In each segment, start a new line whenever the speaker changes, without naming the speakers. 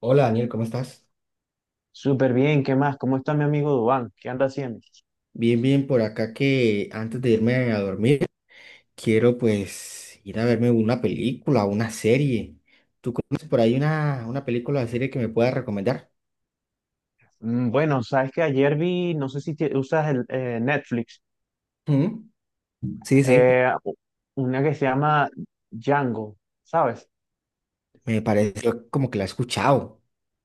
Hola Daniel, ¿cómo estás?
Súper bien, ¿qué más? ¿Cómo está mi amigo Dubán? ¿Qué anda haciendo?
Bien, bien, por acá que antes de irme a dormir, quiero pues ir a verme una película, una serie. ¿Tú conoces por ahí una película o serie que me puedas recomendar?
Bueno, sabes que ayer vi, no sé si te- usas el Netflix,
Mm, sí, sí,
eh, u- una que se llama Django, ¿sabes?
me parece yo como que la he escuchado.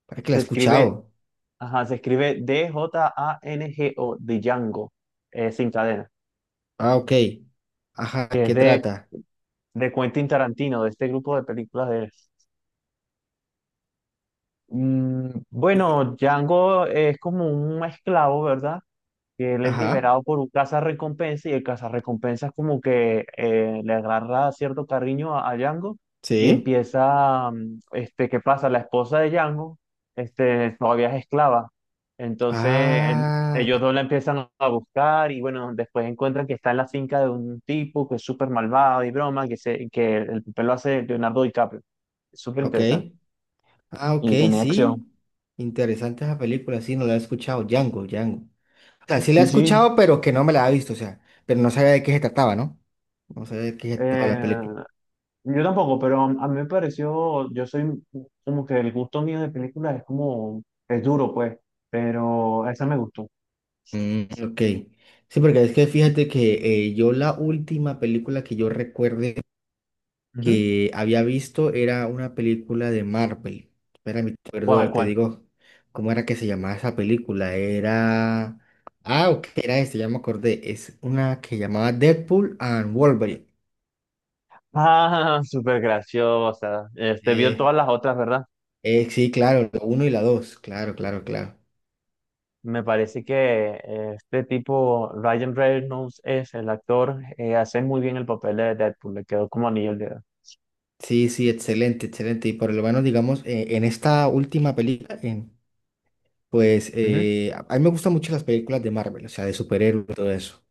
¿Para que la he
Se escribe,
escuchado?
ajá, se escribe Django, de Django, sin cadena,
Ah, ok. Ajá, ¿de
que es
qué trata?
de Quentin Tarantino, de este grupo de películas de él.
Y-
Bueno, Django es como un esclavo, ¿verdad? Que él es
ajá,
liberado por un cazarrecompensa y el cazarrecompensa es como que le agarra cierto cariño a Django y
sí.
empieza, este, ¿qué pasa? La esposa de Django, este, todavía es esclava, entonces él-
Ah,
ellos dos la empiezan a buscar y bueno, después encuentran que está en la finca de un tipo que es súper malvado y broma, que el papel lo hace Leonardo DiCaprio, es súper
ok.
interesante.
Ah, ok,
Y tenía acción.
sí. Interesante esa película, sí, no la he escuchado. Django, Django. O sea, sí la he
Sí, sí.
escuchado, pero que no me la ha visto, o sea, pero no sabía de qué se trataba, ¿no? No sabía de qué se trataba la
Eh,
película.
Yo tampoco, pero a mí me pareció, yo soy como que el gusto mío de películas es como, es duro pues, pero esa me gustó.
Mm, ok. Sí, porque es que fíjate que yo la última película que yo recuerde
Ujú.
que había visto era una película de Marvel. Espera, me acuerdo,
¿Cuál,
te
cuál?
digo, ¿cómo era que se llamaba esa película? Era... Ah, ok, era este, ya me acordé. Es una que llamaba Deadpool and Wolverine.
Ah, súper graciosa. Este vio
Eh,
todas las otras, ¿verdad?
sí, claro, la uno y la dos, claro, claro, claro.
Me parece que este tipo, Ryan Reynolds, es el actor, hace muy bien el papel de Deadpool, le quedó como anillo al dedo.
Sí, sí, excelente, excelente. Y por lo menos, digamos, en esta última película, en- pues
Ujú,
a mí me gustan mucho las películas de Marvel, o sea, de superhéroes y todo eso.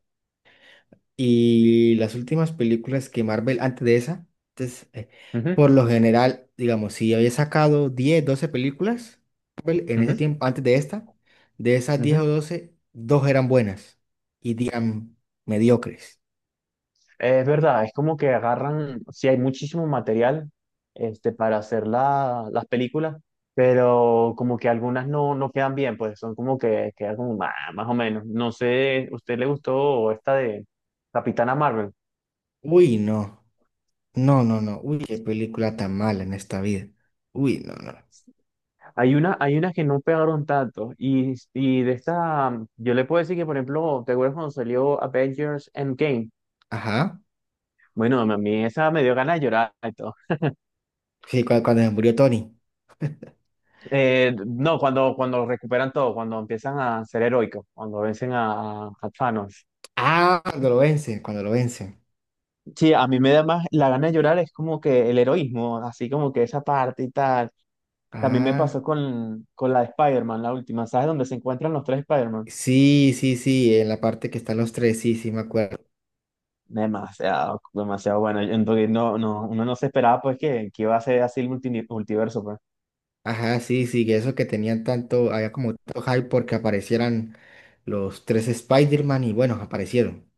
Y las últimas películas que Marvel, antes de esa, entonces,
ujú,
por lo general, digamos, si había sacado 10, 12 películas, Marvel, en ese
ujú,
tiempo, antes de esta, de esas 10
ujú.
o 12, dos eran buenas y 10 eran mediocres.
Es verdad, es como que agarran, sí hay muchísimo material este, para hacer las películas, pero como que algunas no, no quedan bien, pues son como que quedan como "Ah, más o menos. No sé, ¿usted le gustó esta de Capitana Marvel?"
Uy, no, no, no, no, uy, qué película tan mala en esta vida. Uy, no, no.
Hay una, hay unas que no pegaron tanto y de esta, yo le puedo decir que, por ejemplo, ¿te acuerdas cuando salió Avengers Endgame?
Ajá.
Bueno, a mí esa me dio ganas de llorar y todo.
Sí, cua- cuando se murió Tony.
No, cuando, cuando recuperan todo, cuando empiezan a ser heroicos, cuando vencen a Thanos.
Ah, cuando lo vence, cuando lo vence.
Sí, a mí me da más la gana de llorar, es como que el heroísmo, así como que esa parte y tal. También me
Ah,
pasó con la de Spider-Man, la última, ¿sabes? Donde se encuentran los tres Spider-Man.
sí, sí, sí, en la parte que están los tres, sí, sí, me acuerdo.
Demasiado, demasiado bueno. Entonces, no, no, uno no se esperaba pues que iba a ser así el multiverso, pues.
Ajá, sí, sí, que eso que tenían tanto, había como tanto hype porque aparecieran los tres Spider-Man y bueno, aparecieron.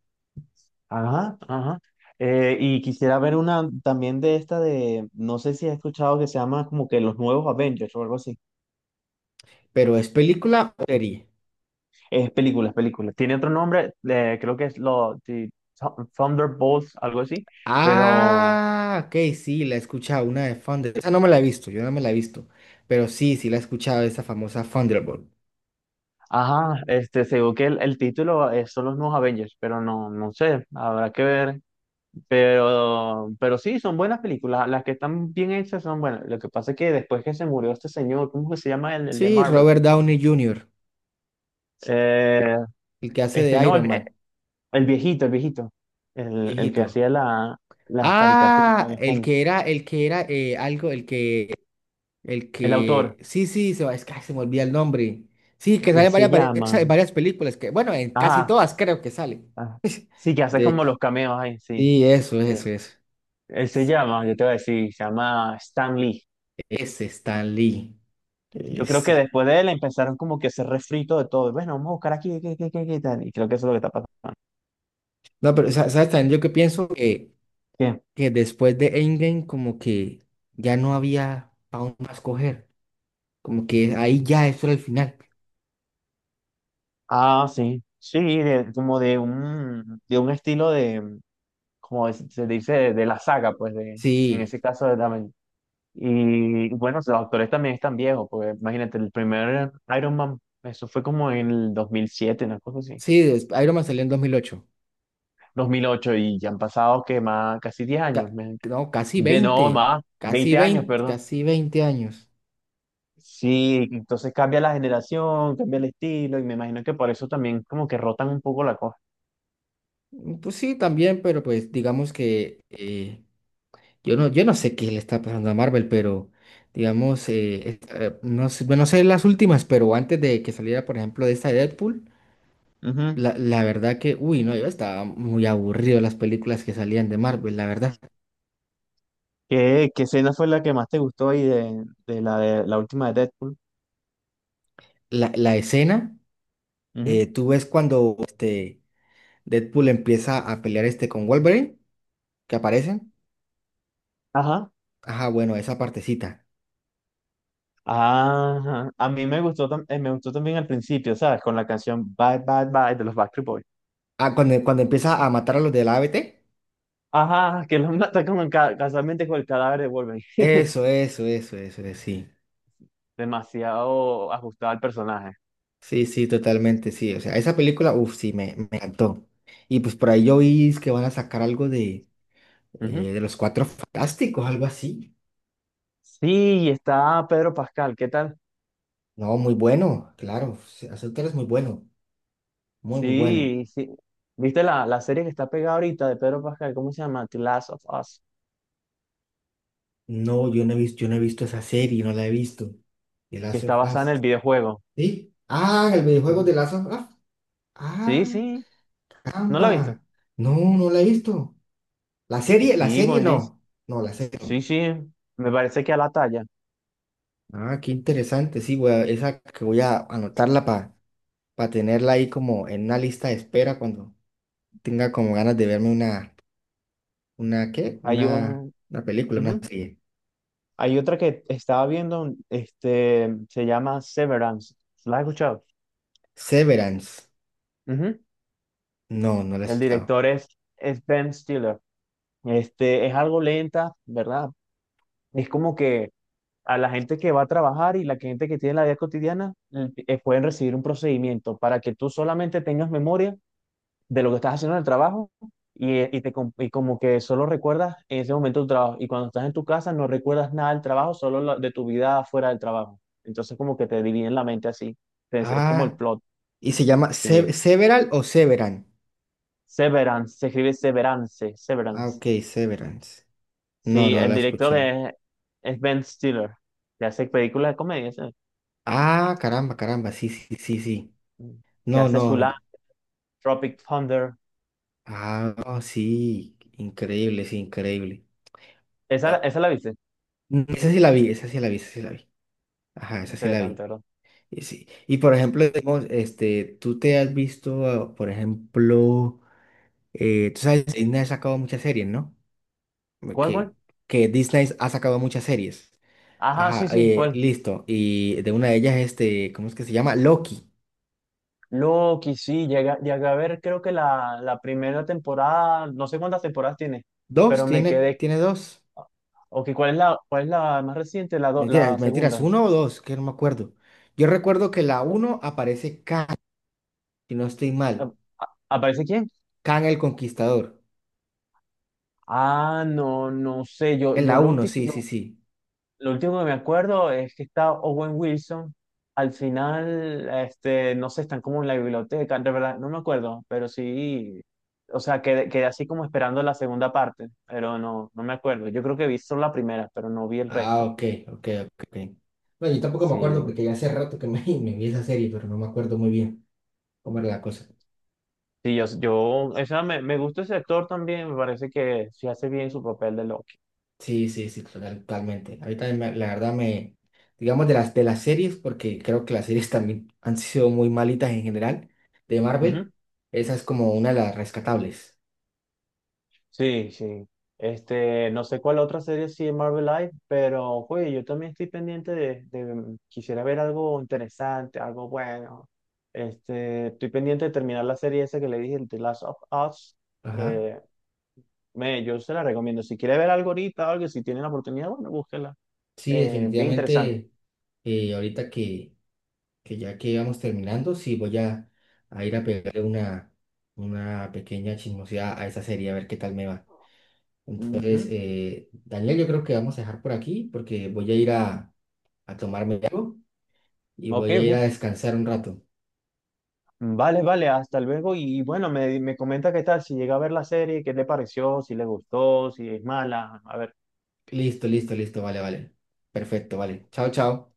Ajá, ajá. Y quisiera ver una también de esta de, no sé si has escuchado que se llama como que los nuevos Avengers o algo así.
Pero ¿es película o serie?
Es película, es película. Tiene otro nombre, creo que es lo, The Thunderbolts, algo así, pero,
Ah, ok, sí, la he escuchado, una de Thunder. Esa no me la he visto, yo no me la he visto. Pero sí, sí la he escuchado, esa famosa Thunderbolt.
ajá, este, según que el título es, son los nuevos Avengers, pero no, no sé, habrá que ver, pero sí, son buenas películas, las que están bien hechas son buenas. Lo que pasa es que después que se murió este señor, ¿cómo que se llama el de
Sí,
Marvel?
Robert Downey Jr.,
Eh,
el que hace
este,
de
no,
Iron Man,
el viejito, el viejito, el que
viejito.
hacía la, la caricatura,
Ah,
el,
el que era algo, el
el
que,
autor,
sí, sí, se, va- es que ay, se me olvida el nombre. Sí, que sale
él
en varias,
se
pe-
llama,
en varias películas, que bueno, en casi
ajá.
todas creo que sale.
Ah, sí, que haces
De
como
hecho,
los cameos ahí, sí.
sí, eso,
Eh,
eso, eso.
él se llama, yo te voy a decir, se llama Stan Lee.
Ese Stan Lee.
Yo creo que
Ese.
después de él empezaron como que ese refrito de todo. Bueno, vamos a buscar aquí, qué, qué, qué, qué tal. Y creo que eso es lo que está pasando.
No, pero sa- ¿sabes también? Yo que pienso
¿Qué?
que después de Endgame como que ya no había para dónde más coger. Como que ahí ya eso era el final.
Ah, sí. Sí, de- como de un estilo de, como es- se dice, de la saga, pues, de, en
Sí,
ese caso de Damen. Y bueno, los actores también están viejos, porque imagínate, el primer Iron Man, eso fue como en el 2007 una cosa así.
sí, des- Iron Man salió en 2008.
2008 y ya han pasado que más, casi 10 años,
Ca-
me-
no, casi
de
veinte,
no más,
casi
20 años,
veinte,
perdón.
casi 20 años.
Sí, entonces cambia la generación, cambia el estilo y me imagino que por eso también como que rotan un poco la cosa.
Mm, pues sí, también, pero pues digamos que yo no, yo no sé qué le está pasando a Marvel, pero digamos, es- no sé, bueno, no sé las últimas, pero antes de que saliera, por ejemplo, de esta de Deadpool,
Ujú.
la verdad que, uy, no, yo estaba muy aburrido las películas que salían de Marvel, la verdad.
¿Qué, qué escena fue la que más te gustó ahí de la última de Deadpool?
La escena,
Ujú.
tú ves cuando este Deadpool empieza a pelear este con Wolverine, que aparecen.
Ajá.
Ajá, bueno, esa partecita.
Ajá. A mí me gustó, me gustó también al principio, ¿sabes? Con la canción Bye Bye Bye de los Backstreet Boys.
Ah, cuando, cuando empieza a matar a los del A B T,
Ajá, que los mata como casualmente con el cadáver de Wolverine.
eso, sí.
Demasiado ajustado al personaje.
Sí, sí, totalmente, sí. O sea, esa película, uff, sí, me encantó. Y pues por ahí yo vi es que van a sacar algo
Ujú.
de los Cuatro Fantásticos, algo así.
Sí, está Pedro Pascal, ¿qué tal?
No, muy bueno, claro. Sí, Azotar es muy bueno, muy, muy bueno.
Sí, sí. ¿Viste la serie que está pegada ahorita de Pedro Pascal? ¿Cómo se llama? The Last of Us,
No, yo no he visto, yo no he visto esa serie, no la he visto. The
que
Last of
está basada en el
Us.
videojuego.
¿Sí? Ah, el videojuego
Ujú.
de Last of Us.
Sí,
Ah,
sí, ¿no la he visto?
caramba. No, no la he visto. La
Sí,
serie
buenísimo.
no. No, la serie
Sí,
no.
sí, me parece que a la talla.
Ah, qué interesante. Sí, voy a- esa que voy a anotarla para tenerla ahí como en una lista de espera cuando tenga como ganas de verme una, ¿qué?
Hay, un-
Una película, una
ujú.
serie.
Hay otra que estaba viendo, este, se llama Severance. ¿La has escuchado?
Severance.
Ujú.
No, no la he
El
escuchado.
director es Ben Stiller. Este, es algo lenta, ¿verdad? Es como que a la gente que va a trabajar y la gente que tiene la vida cotidiana pueden recibir un procedimiento para que tú solamente tengas memoria de lo que estás haciendo en el trabajo y te, y como que solo recuerdas en ese momento tu trabajo. Y cuando estás en tu casa no recuerdas nada del trabajo, solo de tu vida fuera del trabajo. Entonces como que te dividen la mente así. Entonces, es como el
Ah,
plot.
y se llama Se-
Sí.
Several o Severan.
Severance, se escribe Severance,
Ah,
Severance.
ok, Severance. No,
Sí,
no
el
la he
director
escuchado.
es Ben Stiller, que hace películas de comedia, ¿sí?
Ah, caramba, caramba. Sí, sí, sí, sí.
Mm. Que
No,
hace su
no.
Tropic Thunder.
Ah, no, sí. Increíble, sí, increíble.
Esa la viste.
Mm, esa sí la vi, esa sí la vi, esa sí la vi. Ajá, esa sí la
Interesante,
vi.
¿verdad?
Y, sí. Y por ejemplo, digamos, este, tú te has visto, ah, por ejemplo, tú sabes, Disney ha sacado muchas series, ¿no?
¿Cuál,
Que,
cuál?
que Disney ha sacado muchas series.
Ajá,
Ajá,
sí, sí, ¿cuál?
listo. Y de una de ellas, este, ¿cómo es que se llama? Loki.
Loki, sí, llega, llegué a ver, creo que la primera temporada, no sé cuántas temporadas tiene,
¿Dos?
pero me
¿Tiene,
quedé.
tiene dos?
Ok, cuál es la más reciente? La, la
Mentiras, mentiras,
segunda.
uno o dos, que no me acuerdo. Yo recuerdo que la uno aparece Khan, si no estoy
¿A-
mal.
¿Aparece quién?
Khan el Conquistador.
Ah, no, no sé. Yo,
En
yo
la
lo
uno, sí, sí,
último.
sí.
Lo último que me acuerdo es que está Owen Wilson. Al final, este, no sé, están como en la biblioteca, de verdad, no me acuerdo, pero sí, o sea, quedé, quedé así como esperando la segunda parte, pero no, no me acuerdo. Yo creo que vi solo la primera, pero no vi el
Ah,
resto.
ok, ok, ok. Ok. Bueno, yo tampoco me acuerdo
Sí,
porque ya hace rato que me, me vi esa serie, pero no me acuerdo muy bien cómo era la cosa.
sí, yo, o sea, me gusta ese actor también, me parece que sí hace bien su papel de Loki.
Sí, sí, sí, total- totalmente. Ahorita la verdad me, digamos de las series, porque creo que las series también han sido muy malitas en general, de Marvel,
Ujú.
esa es como una de las rescatables.
Sí, sí. Este, no sé cuál otra serie sí de Marvel Live, pero güey, yo también estoy pendiente de- quisiera ver algo interesante, algo bueno. Este, estoy pendiente de terminar la serie esa que le dije, el The Last of Us.
Ajá.
Eh, me, yo se la recomiendo. Si quiere ver algo ahorita, algo, si tienen la oportunidad, bueno, búsquela.
Sí,
Bien interesante.
definitivamente, ahorita que ya que íbamos terminando, sí voy a ir a pegarle una pequeña chismosidad a esa serie, a ver qué tal me va. Entonces,
Ujú.
Daniel, yo creo que vamos a dejar por aquí porque voy a ir a tomarme algo y
Ok,
voy a ir a
ok.
descansar un rato.
Vale, vale, hasta luego. Y bueno, me comenta qué tal, si llega a ver la serie, qué le pareció, si le gustó, si es mala. A ver.
Listo, listo, listo, vale, vale. Perfecto, vale. Chao, chao.